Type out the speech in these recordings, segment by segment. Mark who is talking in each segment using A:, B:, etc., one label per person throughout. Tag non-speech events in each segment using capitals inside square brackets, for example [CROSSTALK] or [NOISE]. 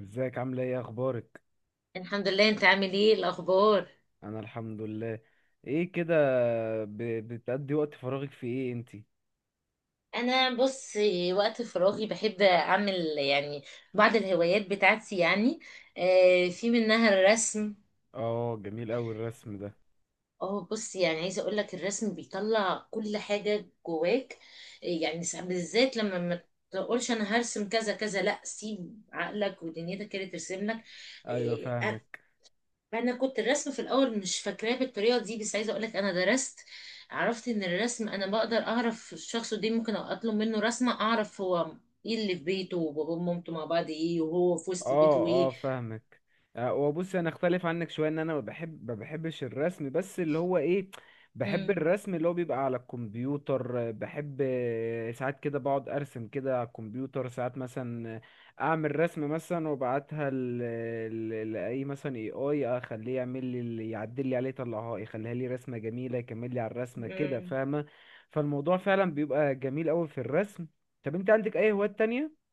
A: ازيك؟ عامله ايه؟ اخبارك؟
B: الحمد لله، انت عامل ايه الاخبار؟
A: انا الحمد لله. ايه كده؟ بتقضي وقت فراغك في ايه انتي؟
B: انا بص، وقت فراغي بحب اعمل يعني بعض الهوايات بتاعتي يعني. في منها الرسم.
A: اه، جميل اوي الرسم ده.
B: اه، بص يعني عايزه اقول لك الرسم بيطلع كل حاجه جواك. يعني ساعات بالذات لما ما تقولش انا هرسم كذا كذا، لا سيب عقلك ودنيتك كده ترسم لك.
A: ايوه، فاهمك.
B: انا كنت الرسم في الاول مش فاكراه بالطريقه دي، بس عايزه اقولك انا درست. عرفت ان الرسم انا بقدر اعرف الشخص ده، ممكن اطلب منه رسمه اعرف هو ايه اللي في بيته وبابا ومامته مع بعض ايه وهو في وسط بيته
A: اه اه،
B: ايه.
A: فاهمك. وبص، انا اختلف عنك شويه، ان انا ما بحبش الرسم، بس اللي هو ايه، بحب
B: امم.
A: الرسم اللي هو بيبقى على الكمبيوتر، بحب، ساعات كده بقعد ارسم كده على الكمبيوتر ساعات مثلا، اعمل رسم مثلا وابعتها لاي، مثلا اي اخليه يعمل لي، اللي يعدل لي عليه يطلعها يخليها لي رسمه جميله، يكمل لي على الرسمه كده،
B: امم.
A: فاهمه؟ فالموضوع فعلا بيبقى جميل قوي في الرسم. طب انت عندك اي هوايات تانية؟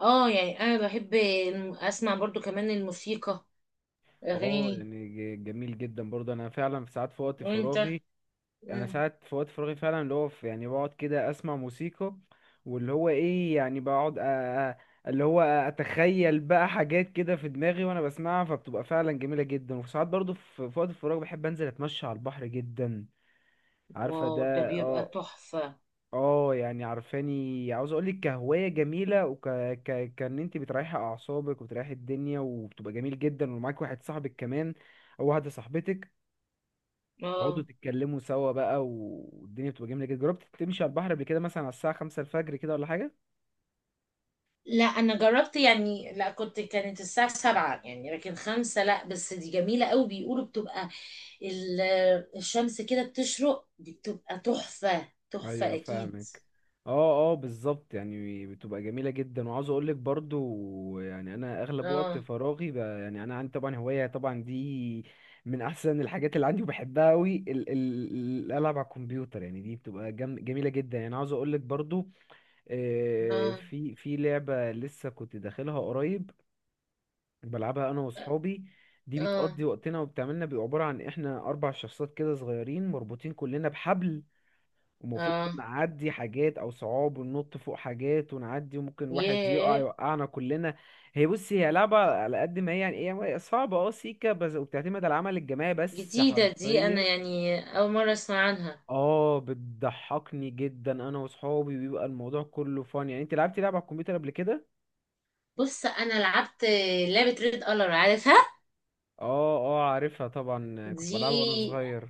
B: اه يعني انا بحب اسمع برضو كمان الموسيقى،
A: اه،
B: اغاني.
A: يعني جميل جدا برضه. انا فعلا في ساعات في وقت
B: وانت؟
A: فراغي، انا
B: امم.
A: ساعات في وقت فراغي فعلا اللي هو في، يعني بقعد كده اسمع موسيقى، واللي هو ايه، يعني بقعد أ- اللي هو اتخيل بقى حاجات كده في دماغي وانا بسمعها، فبتبقى فعلا جميلة جدا. وفي ساعات برضه في وقت الفراغ بحب انزل اتمشى على البحر جدا، عارفة
B: واو، ده
A: ده؟
B: بيبقى
A: اه،
B: تحفه.
A: اه، يعني عارفاني، عاوز اقولك كهواية جميلة، كان انت بتريحي اعصابك وبتريحي الدنيا وبتبقى جميل جدا ومعاك واحد صاحبك كمان او واحدة صاحبتك، تقعدوا
B: اه.
A: تتكلموا سوا بقى، والدنيا بتبقى جميلة جدا. جربت تمشي على البحر قبل كده، مثلا على الساعة 5 الفجر كده ولا حاجة؟
B: لا انا جربت يعني، لا كنت كانت الساعة 7 يعني، لكن 5 لا، بس دي جميلة قوي، بيقولوا بتبقى ال- الشمس كده بتشرق، دي بتبقى تحفة تحفة
A: ايوه،
B: اكيد.
A: فاهمك. اه اه، بالظبط. يعني بتبقى جميله جدا. وعاوز اقول لك برضو، يعني انا اغلب وقت
B: اه،
A: فراغي يعني انا عندي طبعا هوايه طبعا، دي من احسن الحاجات اللي عندي وبحبها قوي، ال الالعاب على الكمبيوتر. يعني دي بتبقى جميله جدا. يعني عاوز اقول لك برضو،
B: اه،
A: في لعبه لسه كنت داخلها قريب، بلعبها انا واصحابي. دي
B: اه،
A: بتقضي وقتنا، وبتعملنا بيبقى عباره عن احنا 4 شخصيات كده صغيرين مربوطين كلنا بحبل، ومفروض
B: اه.
A: نعدي حاجات او صعاب وننط فوق حاجات ونعدي، وممكن واحد يقع
B: ياه.
A: يوقعنا كلنا. هي بصي، هي لعبة على قد ما هي يعني ايه، هي صعبة اه، سيكا بس، وبتعتمد على العمل الجماعي بس،
B: جديدة دي، انا
A: حرفيا.
B: يعني اول مرة اسمع عنها.
A: اه، بتضحكني جدا انا واصحابي، بيبقى الموضوع كله فن. يعني انت لعبتي لعبة على الكمبيوتر قبل كده؟
B: بص انا لعبت لعبة ريد الر، عارفها؟
A: اه اه، عارفها طبعا، كنت
B: دي
A: بلعبها وانا صغير.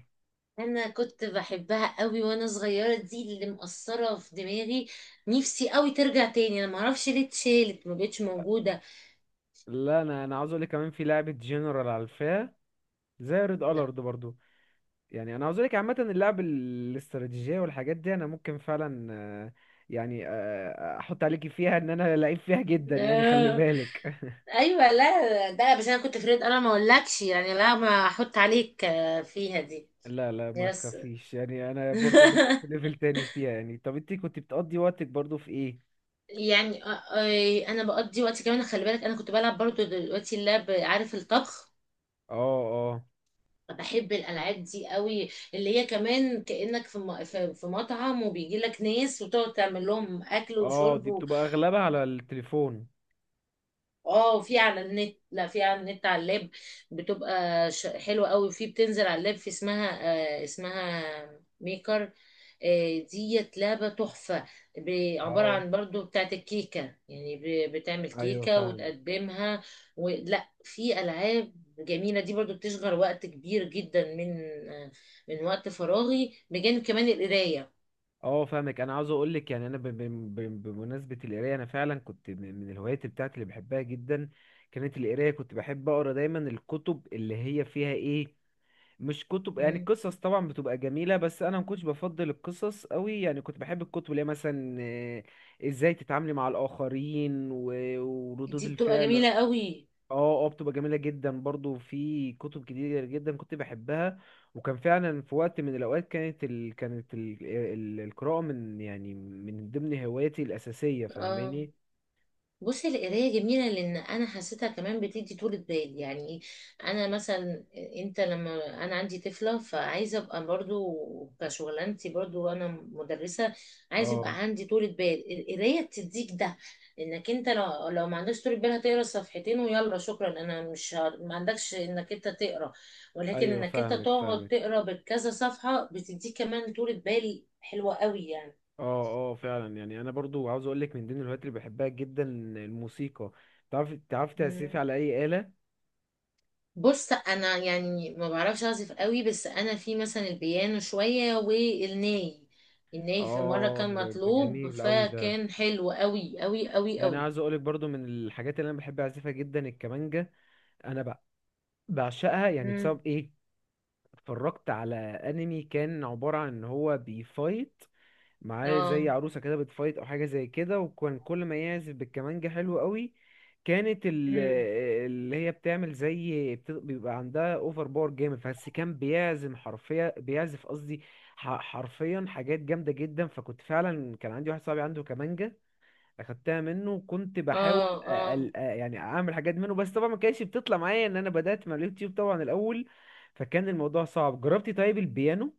B: انا كنت بحبها قوي وانا صغيره، دي اللي مأثره في دماغي. نفسي قوي ترجع تاني، انا ما اعرفش ليه اتشالت ما بقتش موجوده.
A: لا، انا انا عاوز اقول لك، كمان في لعبة جنرال على الفا زي ريد
B: لا.
A: الارد برضو. يعني انا عاوز لك عامه اللعب الاستراتيجيه والحاجات دي انا ممكن فعلا، يعني آه، احط عليكي فيها ان انا لعيب فيها جدا،
B: [LAUGHS]
A: يعني خلي
B: آه.
A: بالك. [LAUGHS]
B: ايوه، لا ده بس انا كنت فريد، انا ما اقولكش يعني، لا ما احط عليك فيها دي.
A: لا لا، ما
B: يس.
A: تخافيش، يعني انا برضو
B: [LAUGHS]
A: ليفل تاني فيها. يعني طب انت كنت بتقضي وقتك برضو في ايه؟
B: يعني انا بقضي وقتي كمان، خلي بالك انا كنت بلعب برضو دلوقتي اللعب، عارف الطبخ؟
A: اه اه
B: بحب الالعاب دي قوي. اللي هي كمان كانك في في مطعم، وبيجي لك ناس وتقعد تعمل لهم اكل
A: اه. دي
B: وشرب.
A: بتبقى اغلبها على التليفون.
B: اه، في على النت، لا في على النت على اللاب. بتبقى حلوه قوي، وفي بتنزل على اللاب، في اسمها. اسمها ميكر ديت، لعبه تحفه. عباره
A: اه،
B: عن برضو بتاعت الكيكه. يعني بتعمل
A: ايوه،
B: كيكه
A: فاهم.
B: وتقدمها. ولا في العاب جميله دي برضو بتشغل وقت كبير جدا آه من وقت فراغي بجانب كمان القرايه.
A: اه، فاهمك. انا عاوز اقول لك، يعني انا بمناسبه القرايه، انا فعلا كنت من الهوايات بتاعتي اللي بحبها جدا كانت القرايه. كنت بحب اقرا دايما الكتب اللي هي فيها ايه، مش كتب، يعني
B: مم.
A: القصص طبعا بتبقى جميله، بس انا ما كنتش بفضل القصص قوي، يعني كنت بحب الكتب اللي هي مثلا ازاي تتعاملي مع الاخرين وردود
B: دي بتبقى
A: الفعل.
B: جميله قوي.
A: اه اه، بتبقى جميلة جدا. برضو في كتب كتير جدا كنت بحبها، وكان فعلا في وقت من الأوقات كانت القراءة من، يعني من ضمن هواياتي الأساسية،
B: اه
A: فاهماني؟
B: بصي، القراية جميلة لأن أنا حسيتها كمان بتدي طولة بال، يعني إيه؟ أنا مثلا، أنت لما أنا عندي طفلة فعايزة أبقى برضو كشغلانتي، برضو أنا مدرسة، عايزة
A: اه،
B: يبقى عندي طولة بال. القراية بتديك ده. إنك أنت لو ما عندكش طولة بال هتقرا صفحتين ويلا شكرا، أنا مش ما عندكش إنك أنت تقرا. ولكن
A: ايوه،
B: إنك أنت
A: فاهمك،
B: تقعد
A: فاهمك.
B: تقرا بكذا صفحة، بتديك كمان طولة بال حلوة قوي يعني.
A: اه اه، فعلا. يعني انا برضو عاوز اقول لك، من ضمن الهوايات اللي بحبها جدا الموسيقى. تعرف تعزفي
B: إمم.
A: على اي آلة؟
B: بص انا يعني ما بعرفش اعزف قوي، بس انا في مثلا البيانو شويه والناي. الناي في مره
A: اه،
B: كان
A: ده
B: مطلوب،
A: جميل قوي ده.
B: فكان حلو قوي قوي قوي
A: يعني
B: قوي.
A: عاوز اقول لك برضو، من الحاجات اللي انا بحب اعزفها جدا الكمانجة. انا بقى بعشقها، يعني
B: مم.
A: بسبب ايه، اتفرجت على انمي كان عبارة عن ان هو بيفايت معاه زي
B: اه.
A: عروسة كده بتفايت او حاجة زي كده، وكان كل ما يعزف بالكمانجة حلو قوي. كانت ال-
B: مم.
A: اللي هي بتعمل زي بيبقى عندها اوفر باور جامد، بس كان بيعزم حرفيا، بيعزف قصدي حرفيا حاجات جامدة جدا. فكنت فعلا، كان عندي واحد صاحبي عنده كمانجة، اخدتها منه وكنت بحاول
B: اه، اه.
A: يعني اعمل حاجات منه، بس طبعا ما كانتش بتطلع معايا، ان انا بدأت مع اليوتيوب طبعا الاول، فكان الموضوع صعب. جربتي طيب البيانو؟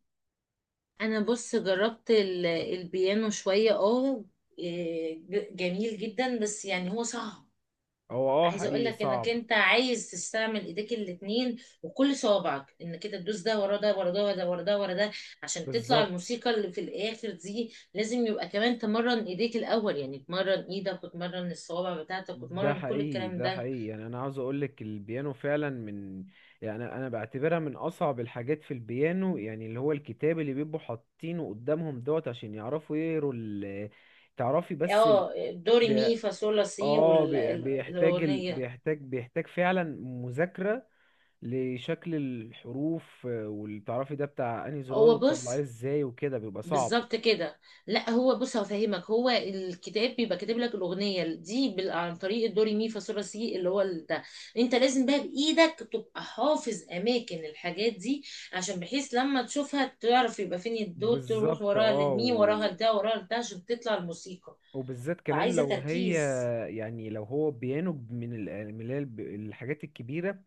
B: انا بص جربت البيانو شويه، اه. إيه، جميل جدا بس يعني هو صعب.
A: هو اه،
B: عايزه اقول
A: حقيقي
B: لك انك
A: صعب.
B: انت عايز تستعمل ايديك الاتنين، وكل صوابعك انك كده تدوس ده ورا ده ورا ده ورا ده ورا ده ورا ده عشان تطلع
A: بالظبط.
B: الموسيقى اللي في الاخر دي. لازم يبقى كمان تمرن ايديك الاول، يعني تمرن ايدك وتمرن الصوابع بتاعتك
A: ده
B: وتمرن كل
A: حقيقي،
B: الكلام
A: ده
B: ده.
A: حقيقي. يعني انا عاوز اقول لك، البيانو فعلا من، يعني انا بعتبرها من اصعب الحاجات في البيانو، يعني اللي هو الكتاب اللي بيبقوا حاطينه قدامهم دوت عشان يعرفوا يقروا ال... تعرفي بس ال...
B: اه، دوري مي فا صول لا سي
A: اه، بيحتاج
B: والاغنيه.
A: بيحتاج فعلا مذاكرة لشكل الحروف، واللي تعرفي ده بتاع انهي زرار
B: هو
A: وتطلعيه
B: بص،
A: ازاي وكده، بيبقى صعب.
B: بالظبط كده. لا هو بص هفهمك، هو الكتاب بيبقى كاتب لك الاغنيه دي عن طريق الدوري مي فا صول سي اللي هو ده. انت لازم بقى بايدك تبقى حافظ اماكن الحاجات دي، عشان بحيث لما تشوفها تعرف يبقى فين الدو، تروح
A: بالظبط،
B: وراها للمي
A: اه.
B: وراها لده وراها لده عشان تطلع الموسيقى.
A: وبالذات كمان
B: فعايزه
A: لو هي،
B: تركيز.
A: يعني لو هو بيانو من اللي هي الحاجات الكبيرة،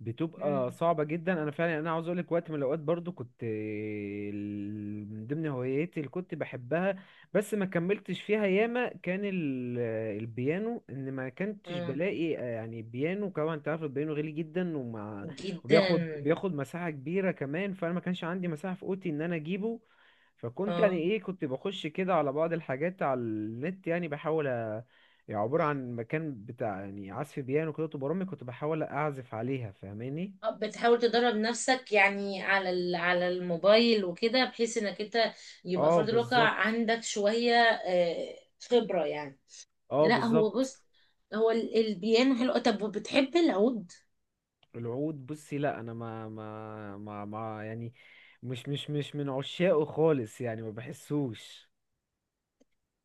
A: بتبقى
B: امم.
A: صعبة جدا. انا فعلا انا عاوز اقولك، وقت من الاوقات برضو كنت من ضمن هواياتي اللي كنت بحبها، بس ما كملتش فيها ياما كان البيانو، ان ما كنتش
B: اه،
A: بلاقي، يعني بيانو. كمان انت عارف البيانو غالي جدا، ومع،
B: جدا،
A: وبياخد مساحة كبيرة كمان، فانا ما كانش عندي مساحة في اوضتي ان انا اجيبه. فكنت يعني
B: اه.
A: ايه، كنت بخش كده على بعض الحاجات على النت، يعني بحاول يعني عبارة عن مكان بتاع يعني عزف بيانو كده طول برامج كنت بحاول اعزف عليها، فاهماني؟
B: بتحاول تدرب نفسك يعني على على الموبايل وكده، بحيث انك انت يبقى
A: اه،
B: فرد الواقع
A: بالظبط.
B: عندك شوية آه، خبرة يعني.
A: اه،
B: لا هو
A: بالظبط.
B: بص، هو البيانو حلو. طب وبتحب العود؟
A: العود بصي، لا، انا ما، يعني مش من عشاقه خالص. يعني ما بحسوش.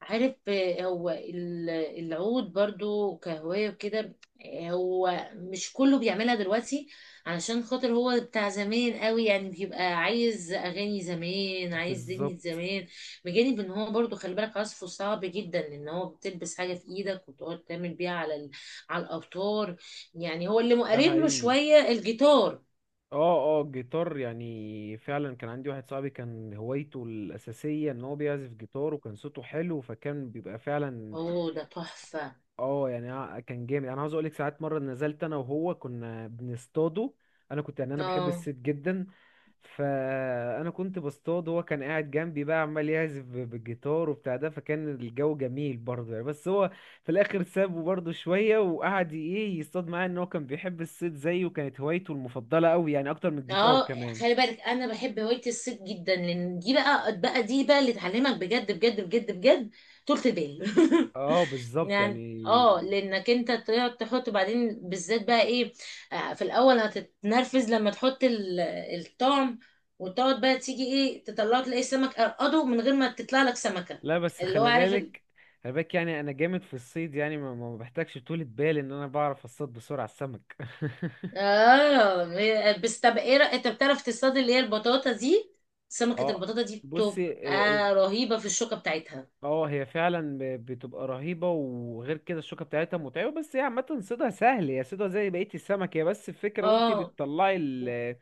B: عارف، هو العود برضو كهواية وكده. هو مش كله بيعملها دلوقتي، علشان خاطر هو بتاع زمان قوي، يعني بيبقى عايز أغاني زمان، عايز دنيا
A: بالظبط،
B: زمان. بجانب ان هو برضو خلي بالك عزفه صعب جدا، ان هو بتلبس حاجة في ايدك وتقعد تعمل بيها على على الأوتار. يعني هو اللي
A: ده
B: مقرب له
A: حقيقي.
B: شوية الجيتار.
A: اه اه، جيتار، يعني فعلا كان عندي واحد صاحبي كان هوايته الأساسية ان هو بيعزف جيتار، وكان صوته حلو، فكان بيبقى فعلا،
B: اوه، ده تحفة.
A: اه، يعني أنا كان جامد. انا عاوز اقول لك، ساعات مره نزلت انا وهو كنا بنصطاده، انا كنت، يعني انا بحب
B: اه،
A: الصيد جدا، فانا كنت بصطاد، هو كان قاعد جنبي بقى عمال يعزف بالجيتار وبتاع ده، فكان الجو جميل برضه. يعني بس هو في الاخر سابه برضه شويه وقعد ايه يصطاد معايا، ان هو كان بيحب الصيد زيي، وكانت هوايته المفضله قوي يعني اكتر من الجيتار
B: اه.
A: كمان.
B: خلي بالك انا بحب هوايه الصيد جدا، لان دي بقى دي بقى اللي تعلمك بجد بجد بجد بجد طولة البال.
A: اه،
B: [LAUGHS]
A: بالظبط
B: يعني اه،
A: يعني.
B: لانك انت تقعد تحط بعدين بالذات بقى ايه. في الاول هتتنرفز لما تحط الطعم، وتقعد بقى تيجي ايه تطلعه تلاقي السمك قرقده من غير ما تطلع لك سمكه.
A: لا، بس
B: اللي هو
A: خلي
B: عارف.
A: بالك، خلي بالك، يعني انا جامد في الصيد. يعني ما ما بحتاجش طولة بال، ان انا بعرف اصطاد بسرعة السمك.
B: اه، بس طب ايه انت بتعرف تصطاد اللي هي البطاطا دي؟
A: [LAUGHS]
B: سمكه
A: اه،
B: البطاطا دي
A: بصي، اه.
B: بتبقى رهيبه في الشوكه بتاعتها.
A: هي فعلا بتبقى رهيبة، وغير كده الشوكة بتاعتها متعبة، بس هي عامة صيدها سهل، هي صيدها زي بقية السمك، هي بس الفكرة وانت
B: اه.
A: بتطلعي ال،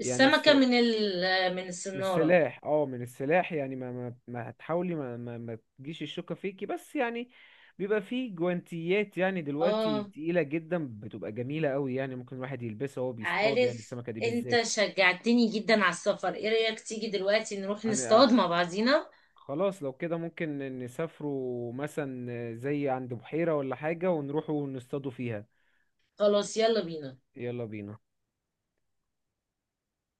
A: يعني
B: من من
A: من
B: السنارة.
A: السلاح، اه، من السلاح، يعني ما هتحاولي ما, ما, ما تجيش الشوكة فيكي بس، يعني بيبقى فيه جوانتيات يعني دلوقتي
B: اه.
A: تقيلة جدا، بتبقى جميلة قوي، يعني ممكن الواحد يلبسها وهو بيصطاد، يعني
B: عارف.
A: السمكة دي
B: انت
A: بالذات.
B: شجعتني جدا على السفر، ايه رأيك تيجي دلوقتي نروح
A: يعني
B: نصطاد مع بعضينا؟
A: خلاص لو كده ممكن نسافروا مثلا زي عند بحيرة ولا حاجة ونروحوا نصطادوا فيها.
B: خلاص، يلا بينا.
A: يلا بينا.